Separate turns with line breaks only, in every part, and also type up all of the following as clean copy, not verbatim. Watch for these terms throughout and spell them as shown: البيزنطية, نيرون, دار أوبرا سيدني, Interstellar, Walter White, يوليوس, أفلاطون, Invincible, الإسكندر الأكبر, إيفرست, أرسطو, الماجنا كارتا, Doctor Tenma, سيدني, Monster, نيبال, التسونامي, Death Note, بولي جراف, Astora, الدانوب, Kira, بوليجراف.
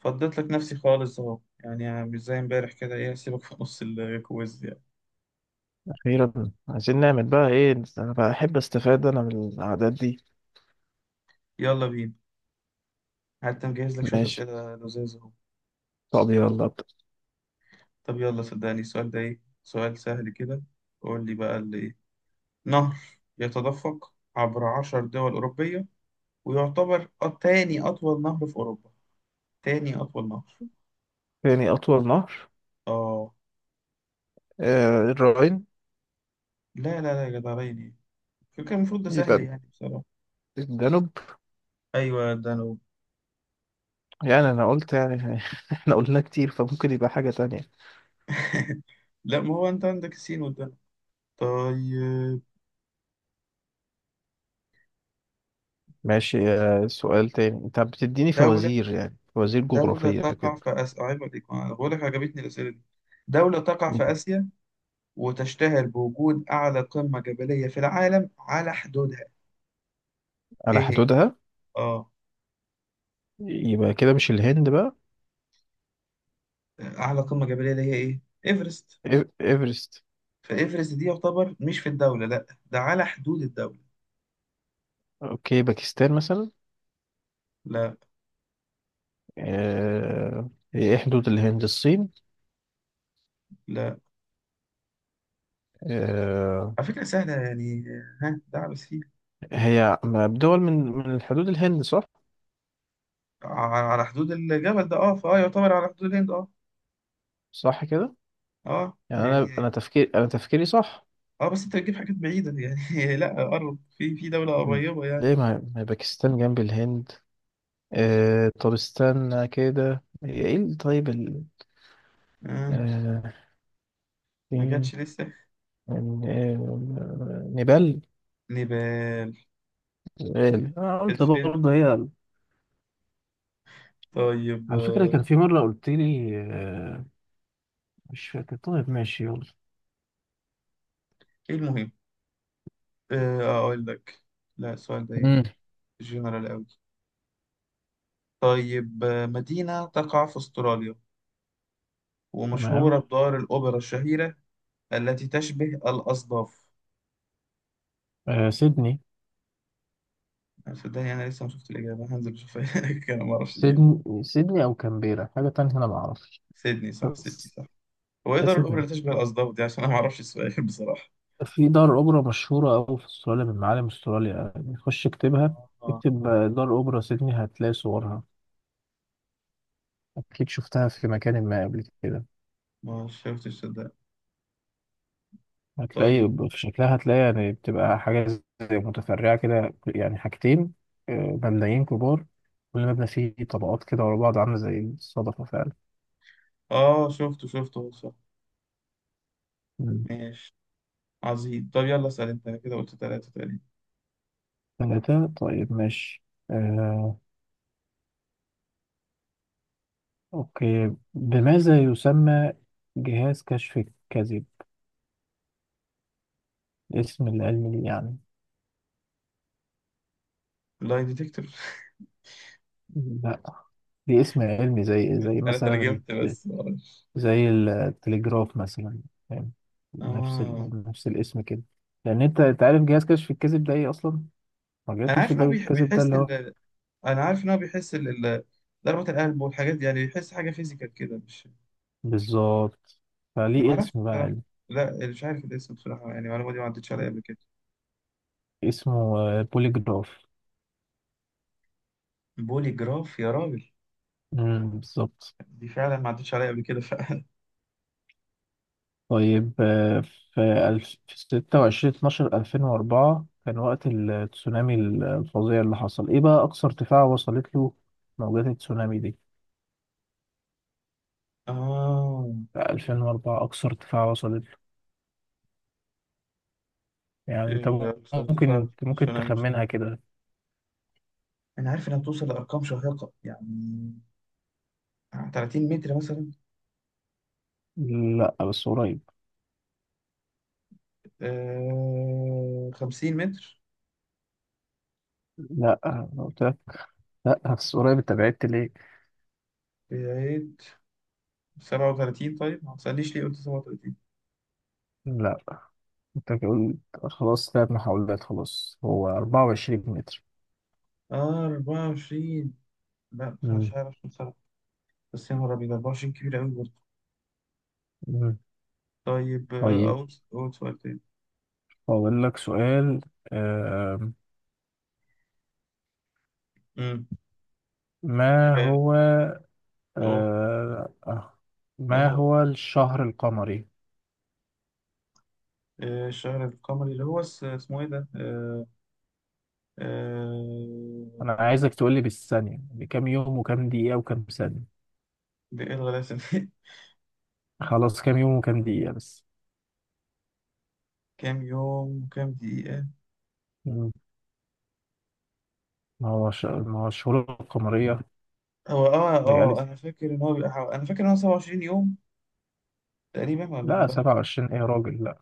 فضيت لك نفسي خالص اهو، يعني مش زي امبارح كده. ايه، هسيبك في نص الكويز يعني.
أخيرا، عايزين نعمل بقى إيه؟ أنا بحب أستفاد أنا من العادات دي.
يلا بينا. حتى مجهز لك شوية
ماشي.
أسئلة لذيذة اهو.
طب يلا أبدأ.
طب يلا، صدقني السؤال ده ايه سؤال سهل كده. قول لي بقى اللي ايه. نهر يتدفق عبر عشر دول أوروبية ويعتبر تاني أطول نهر في أوروبا. تاني أطول نهر.
تاني أطول نهر.
اه.
آه، الراين.
لا لا لا يا جدعان، ايه كان المفروض ده سهل
يبقى
يعني بصراحة.
الدانوب.
أيوة الدانوب.
يعني أنا قلت، يعني إحنا قلنا كتير فممكن يبقى حاجة تانية.
لا، ما هو أنت عندك السين والدانوب. طيب.
ماشي. سؤال تاني، أنت بتديني
دولة
فوازير، يعني فوازير
دولة
جغرافية
تقع
كده.
في آسيا، عيب عليك، أنا بقول لك عجبتني الأسئلة دي. دولة تقع في
مم.
آسيا وتشتهر بوجود أعلى قمة جبلية في العالم على حدودها.
على
إيه هي؟
حدودها.
آه.
يبقى كده مش الهند بقى.
أعلى قمة جبلية اللي هي إيه؟ إيفرست.
إيفرست.
فإيفرست دي يعتبر مش في الدولة لأ، ده على حدود الدولة.
أوكي، باكستان مثلا.
لا
آه. إيه، حدود الهند الصين.
لا،
آه،
على فكرة سهلة يعني. ها، ده بس فيه
هي بدول، من الحدود الهند، صح؟
على حدود الجبل ده آه، فآه يعتبر على حدود الهند آه.
صح كده. يعني انا
يعني.
انا تفكير انا تفكيري صح.
بس أنت بتجيب حاجات بعيدة يعني. لأ قرب، في دولة قريبة يعني.
ليه، ما هي باكستان جنب الهند. آه، طب استنى كده، هي ايه طيب
آه.
آه،
ما
فين
جاتش لسه.
نيبال.
نبال.
نيبال، انا قلت
اتفيل.
برضه هي
طيب
على فكرة، كان في مرة قلت لي، مش فاكر. طيب ماشي يلا.
ايه المهم. اقول لك، لا السؤال ده ايه
مم.
جنرال قوي. طيب مدينة تقع في استراليا
تمام.
ومشهورة بدار الأوبرا الشهيرة التي تشبه الأصداف.
آه، سيدني.
أنا صدقني أنا لسه ما شفت الإجابة، هنزل أشوفها. أنا ما أعرفش الإجابة.
سيدني. سيدني او كامبيرا، حاجة تانية انا ما اعرفش،
سيدني صح، سيدني
بس
صح. هو إيه دار الأوبرا
سيدني.
اللي تشبه الأصداف دي، عشان أنا ما أعرفش السؤال بصراحة.
في دار أوبرا مشهورة أوي في أستراليا، من معالم أستراليا يعني. خش اكتبها،
آه،
اكتب دار أوبرا سيدني، هتلاقي صورها، أكيد شفتها في مكان ما قبل كده.
ما شفتش صدق. طيب.
هتلاقي في شكلها، هتلاقي يعني بتبقى حاجة زي متفرعة كده، يعني حاجتين، مبنيين كبار، كل مبنى فيه طبقات كده ورا بعض، عاملة زي الصدفة فعلا.
آه، شفته شفته صح.
مم.
ماشي. عظيم، طب يلا اسأل انت، أنا كده قلت ثلاثة تقريبا.
ثلاثة، طيب ماشي. آه، أوكي، بماذا يسمى جهاز كشف الكذب؟ اسم العلمي ليه يعني؟
لاي ديتكتور.
لا، دي اسم علمي، زي
انا
مثلا،
ترجمت بس معرفش.
زي التليجراف مثلا، فاهم؟ نفس
اه،
نفس الاسم كده. لان انت عارف جهاز كشف الكذب ده ايه اصلا؟ مجال
انا عارف
كشف
ان
ده
هو
الكذب ده
بيحس
اللي هو.
ال... انا عارف ان هو بيحس ضربة القلب والحاجات دي، يعني بيحس حاجة فيزيكال كده مش.
بالظبط.
ما
فليه
اعرفش
اسم بقى
بصراحة.
علمي.
لا مش عارف الاسم بصراحة، يعني المعلومة دي ما عدتش عليا قبل كده.
اسمه بوليجراف.
بولي جراف يا راجل.
امم، بالظبط.
دي فعلا ما عدتش عليا قبل كده فعلا.
طيب، في في 26 12 2004 كان وقت التسونامي الفظيع اللي حصل. ايه بقى اقصى ارتفاع وصلت له موجات التسونامي دي؟
اه
2004، أقصى ارتفاع وصلت. يعني انت
إيه، ارتفاع
ممكن، ممكن
التسونامي وصلت،
تخمنها كده.
انا عارف انها بتوصل لارقام شاهقة يعني، 30 متر مثلا.
لا، بس قريب.
50 متر.
لا أنا قلت لك. لا بس قريب، انت بعدت ليه؟
بعيد. 37. طيب ما تسألنيش ليه قلت 37.
لا انت قلت، خلاص ثلاث محاولات، خلاص هو 24 متر.
آه 24. لا مش
مم.
عارف كم سنة. بس يا نهار أبيض 24 كبير أوي برضه.
مم.
طيب
طيب
أقول سؤال تاني.
أقول لك سؤال. آم،
أمم
ما
حاجة
هو،
أهو.
آه، آه،
ما
ما
هو
هو الشهر القمري؟
الشهر القمري اللي هو اسمه إيه ده؟
أنا
آه...
عايزك تقول لي بالثانية، بكام يوم وكام دقيقة وكام ثانية.
ده إيه الغلاسة دي؟
خلاص كام يوم وكام دقيقة بس.
كام يوم وكام دقيقة؟
ما هو ما هو الشهور القمرية،
هو
ليالي.
أنا فاكر إن هو أنا فاكر إن هو 27 يوم تقريبا، ولا أنا
لا
بقى
27 ايه يا راجل، لا.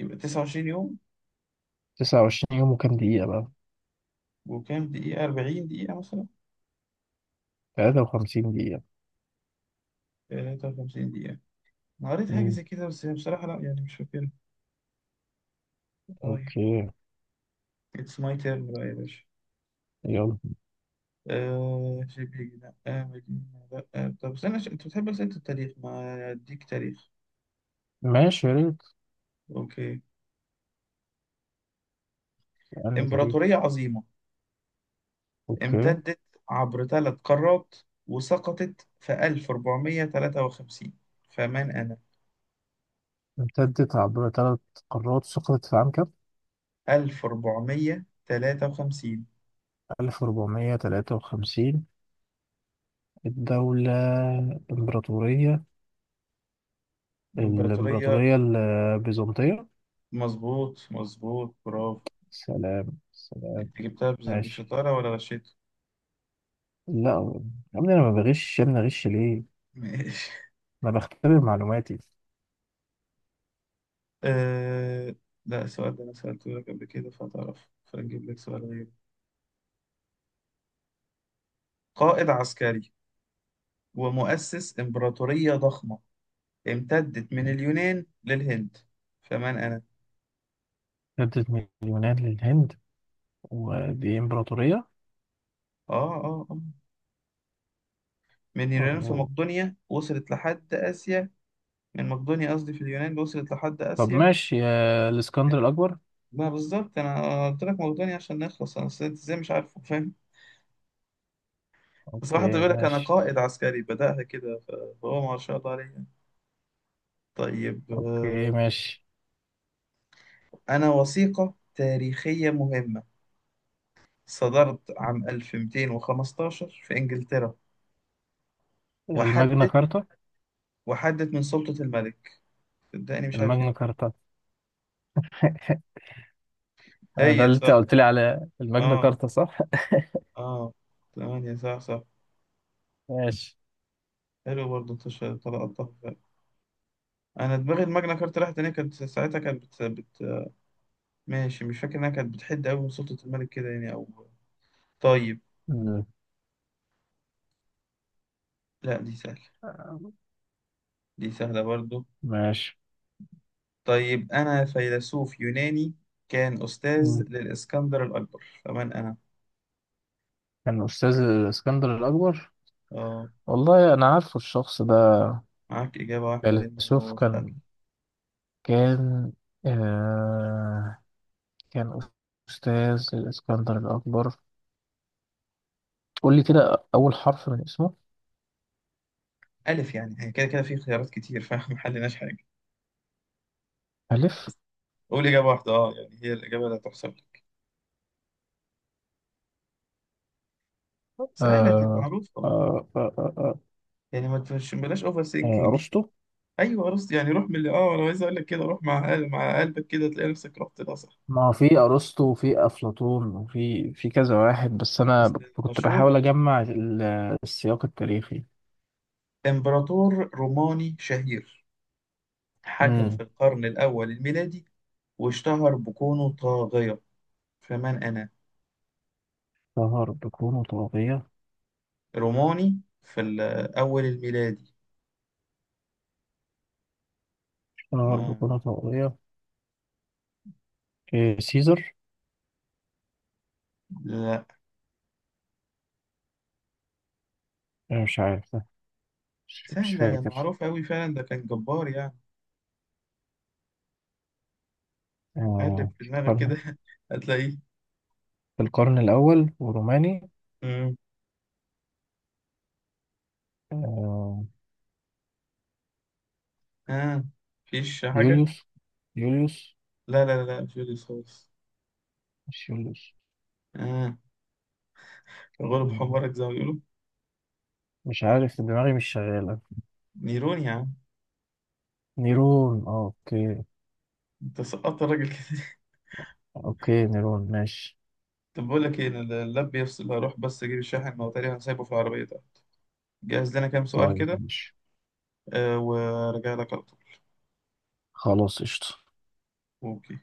يبقى 29 يوم.
29 يوم، وكام دقيقة بقى؟
وكام دقيقة، 40 دقيقة مثلا.
53 دقيقة.
53 دقيقة. أنا قريت حاجة
مم.
زي كده بس بصراحة لا يعني مش فاكرها. طيب.
اوكي.
اتس ماي تيرن بقى يا باشا.
يلا.
آه شبيك، لا آه مدينة، لا آه. طب استنى انت بتحب أسئلة التاريخ، ما اديك تاريخ.
ماشي يا ريت.
اوكي.
أنهي تاريخ؟
امبراطورية عظيمة،
اوكي.
امتدت عبر ثلاث قارات، وسقطت في 1453. فمن أنا؟
امتدت عبر ثلاث قارات، سقطت في عام كام؟
1453.
1453. الدولة الإمبراطورية.
امبراطورية.
الإمبراطورية البيزنطية.
مظبوط مظبوط برافو.
سلام سلام.
انت جبتها
ماشي.
بشطارة ولا غشيت؟
لا يا ابني، انا ما بغش، يا ابني اغش ليه؟
ماشي.
انا بختبر معلوماتي.
أه... لا، السؤال ده أنا سألته لك قبل كده فتعرف، فنجيب لك سؤال غير. قائد عسكري ومؤسس إمبراطورية ضخمة امتدت من اليونان للهند. فمن أنا؟
ردت، مليونات للهند، ودي إمبراطورية.
آه آه آه من اليونان في
أوه.
مقدونيا، وصلت لحد آسيا. من مقدونيا قصدي، في اليونان وصلت لحد
طب
آسيا.
ماشي يا الإسكندر الأكبر.
ما بالظبط، أنا قلت لك مقدونيا عشان نخلص، أنا أصل أنت إزاي مش عارفه، فاهم؟ بصراحة
أوكي
بيقول لك أنا
ماشي.
قائد عسكري، بدأها كده ف-، فهو ما شاء الله عليه. طيب
أوكي ماشي.
أنا وثيقة تاريخية مهمة صدرت عام 1215 في إنجلترا.
الماجنا
وحدت
كارتا.
وحدت من سلطة الملك. صدقني مش عارف
الماجنا
ايه.
كارتا. ده
هي
اللي أنت
صح.
قلت لي على الماجنا
اه.
كارتا، صح؟
اه. ثمانية صح صح.
ماشي.
حلو برضه، انت طلعتها فعلا. انا دماغي الماجنا كارتا راحت هنا، كانت ساعتها كانت ماشي مش فاكر انها كانت بتحد قوي من سلطة الملك كده يعني او. طيب.
مم.
لا دي سهلة. دي سهلة برضه.
ماشي.
طيب. أنا فيلسوف يوناني كان أستاذ
مم.
للإسكندر الأكبر، فمن أنا؟
كان أستاذ الإسكندر الأكبر.
آه.
والله أنا عارفه الشخص ده.
معاك إجابة واحدة لأنه
فيلسوف،
هو سهل.
كان آه، كان أستاذ الإسكندر الأكبر. قول لي كده أول حرف من اسمه.
ألف، يعني هي كده كده في خيارات كتير فاحنا محلناش حاجة
ألف.
بس. قول إجابة واحدة، أه يعني هي الإجابة اللي هتحسب لك.
آه
سهلة دي
آه
معروفة،
آه آه آه
يعني ما تفش بلاش أوفر سينكينج.
أرسطو.
أيوه أرسط، يعني روح من اللي أه، أنا عايز أقول لك كده، روح مع مع قلبك كده تلاقي نفسك رحت، ده صح
ما هو في أرسطو وفي أفلاطون وفي كذا واحد، بس أنا
بس.
كنت
مشهور
بحاول
أرسطو.
أجمع السياق التاريخي.
إمبراطور روماني شهير حكم في
امم.
القرن الأول الميلادي واشتهر بكونه طاغية. فمن أنا؟
شهر بكونه طاغية.
روماني في الأول الميلادي.
شهر
آه.
بكونه طاغية. إيه، سيزر؟
لا،
إيه مش عارف ده. مش
سهلة يا
فاكر.
معروف أوي فعلا، ده كان جبار يعني. قلب
آه
في
في
دماغك
القرن.
كده هتلاقيه.
في القرن الأول وروماني.
مم.
آه.
آه. مفيش حاجة.
يوليوس. يوليوس.
لا لا لا مش رصاص.
مش يوليوس.
آه، غلب
آه،
حمارك زي ما بيقولوا.
مش عارف دماغي مش شغالة.
نيرون يا عم.
نيرون، اه اوكي.
انت سقطت الراجل كده
اوكي نيرون ماشي.
طب بقول لك ايه، انا اللاب بيفصل، هروح بس اجيب الشاحن، ما هو تقريبا سايبه في العربية ده. جهز لنا كام سؤال
طيب
كده
ماشي.
آه، وارجع لك على طول.
خلاص قشطة.
اوكي.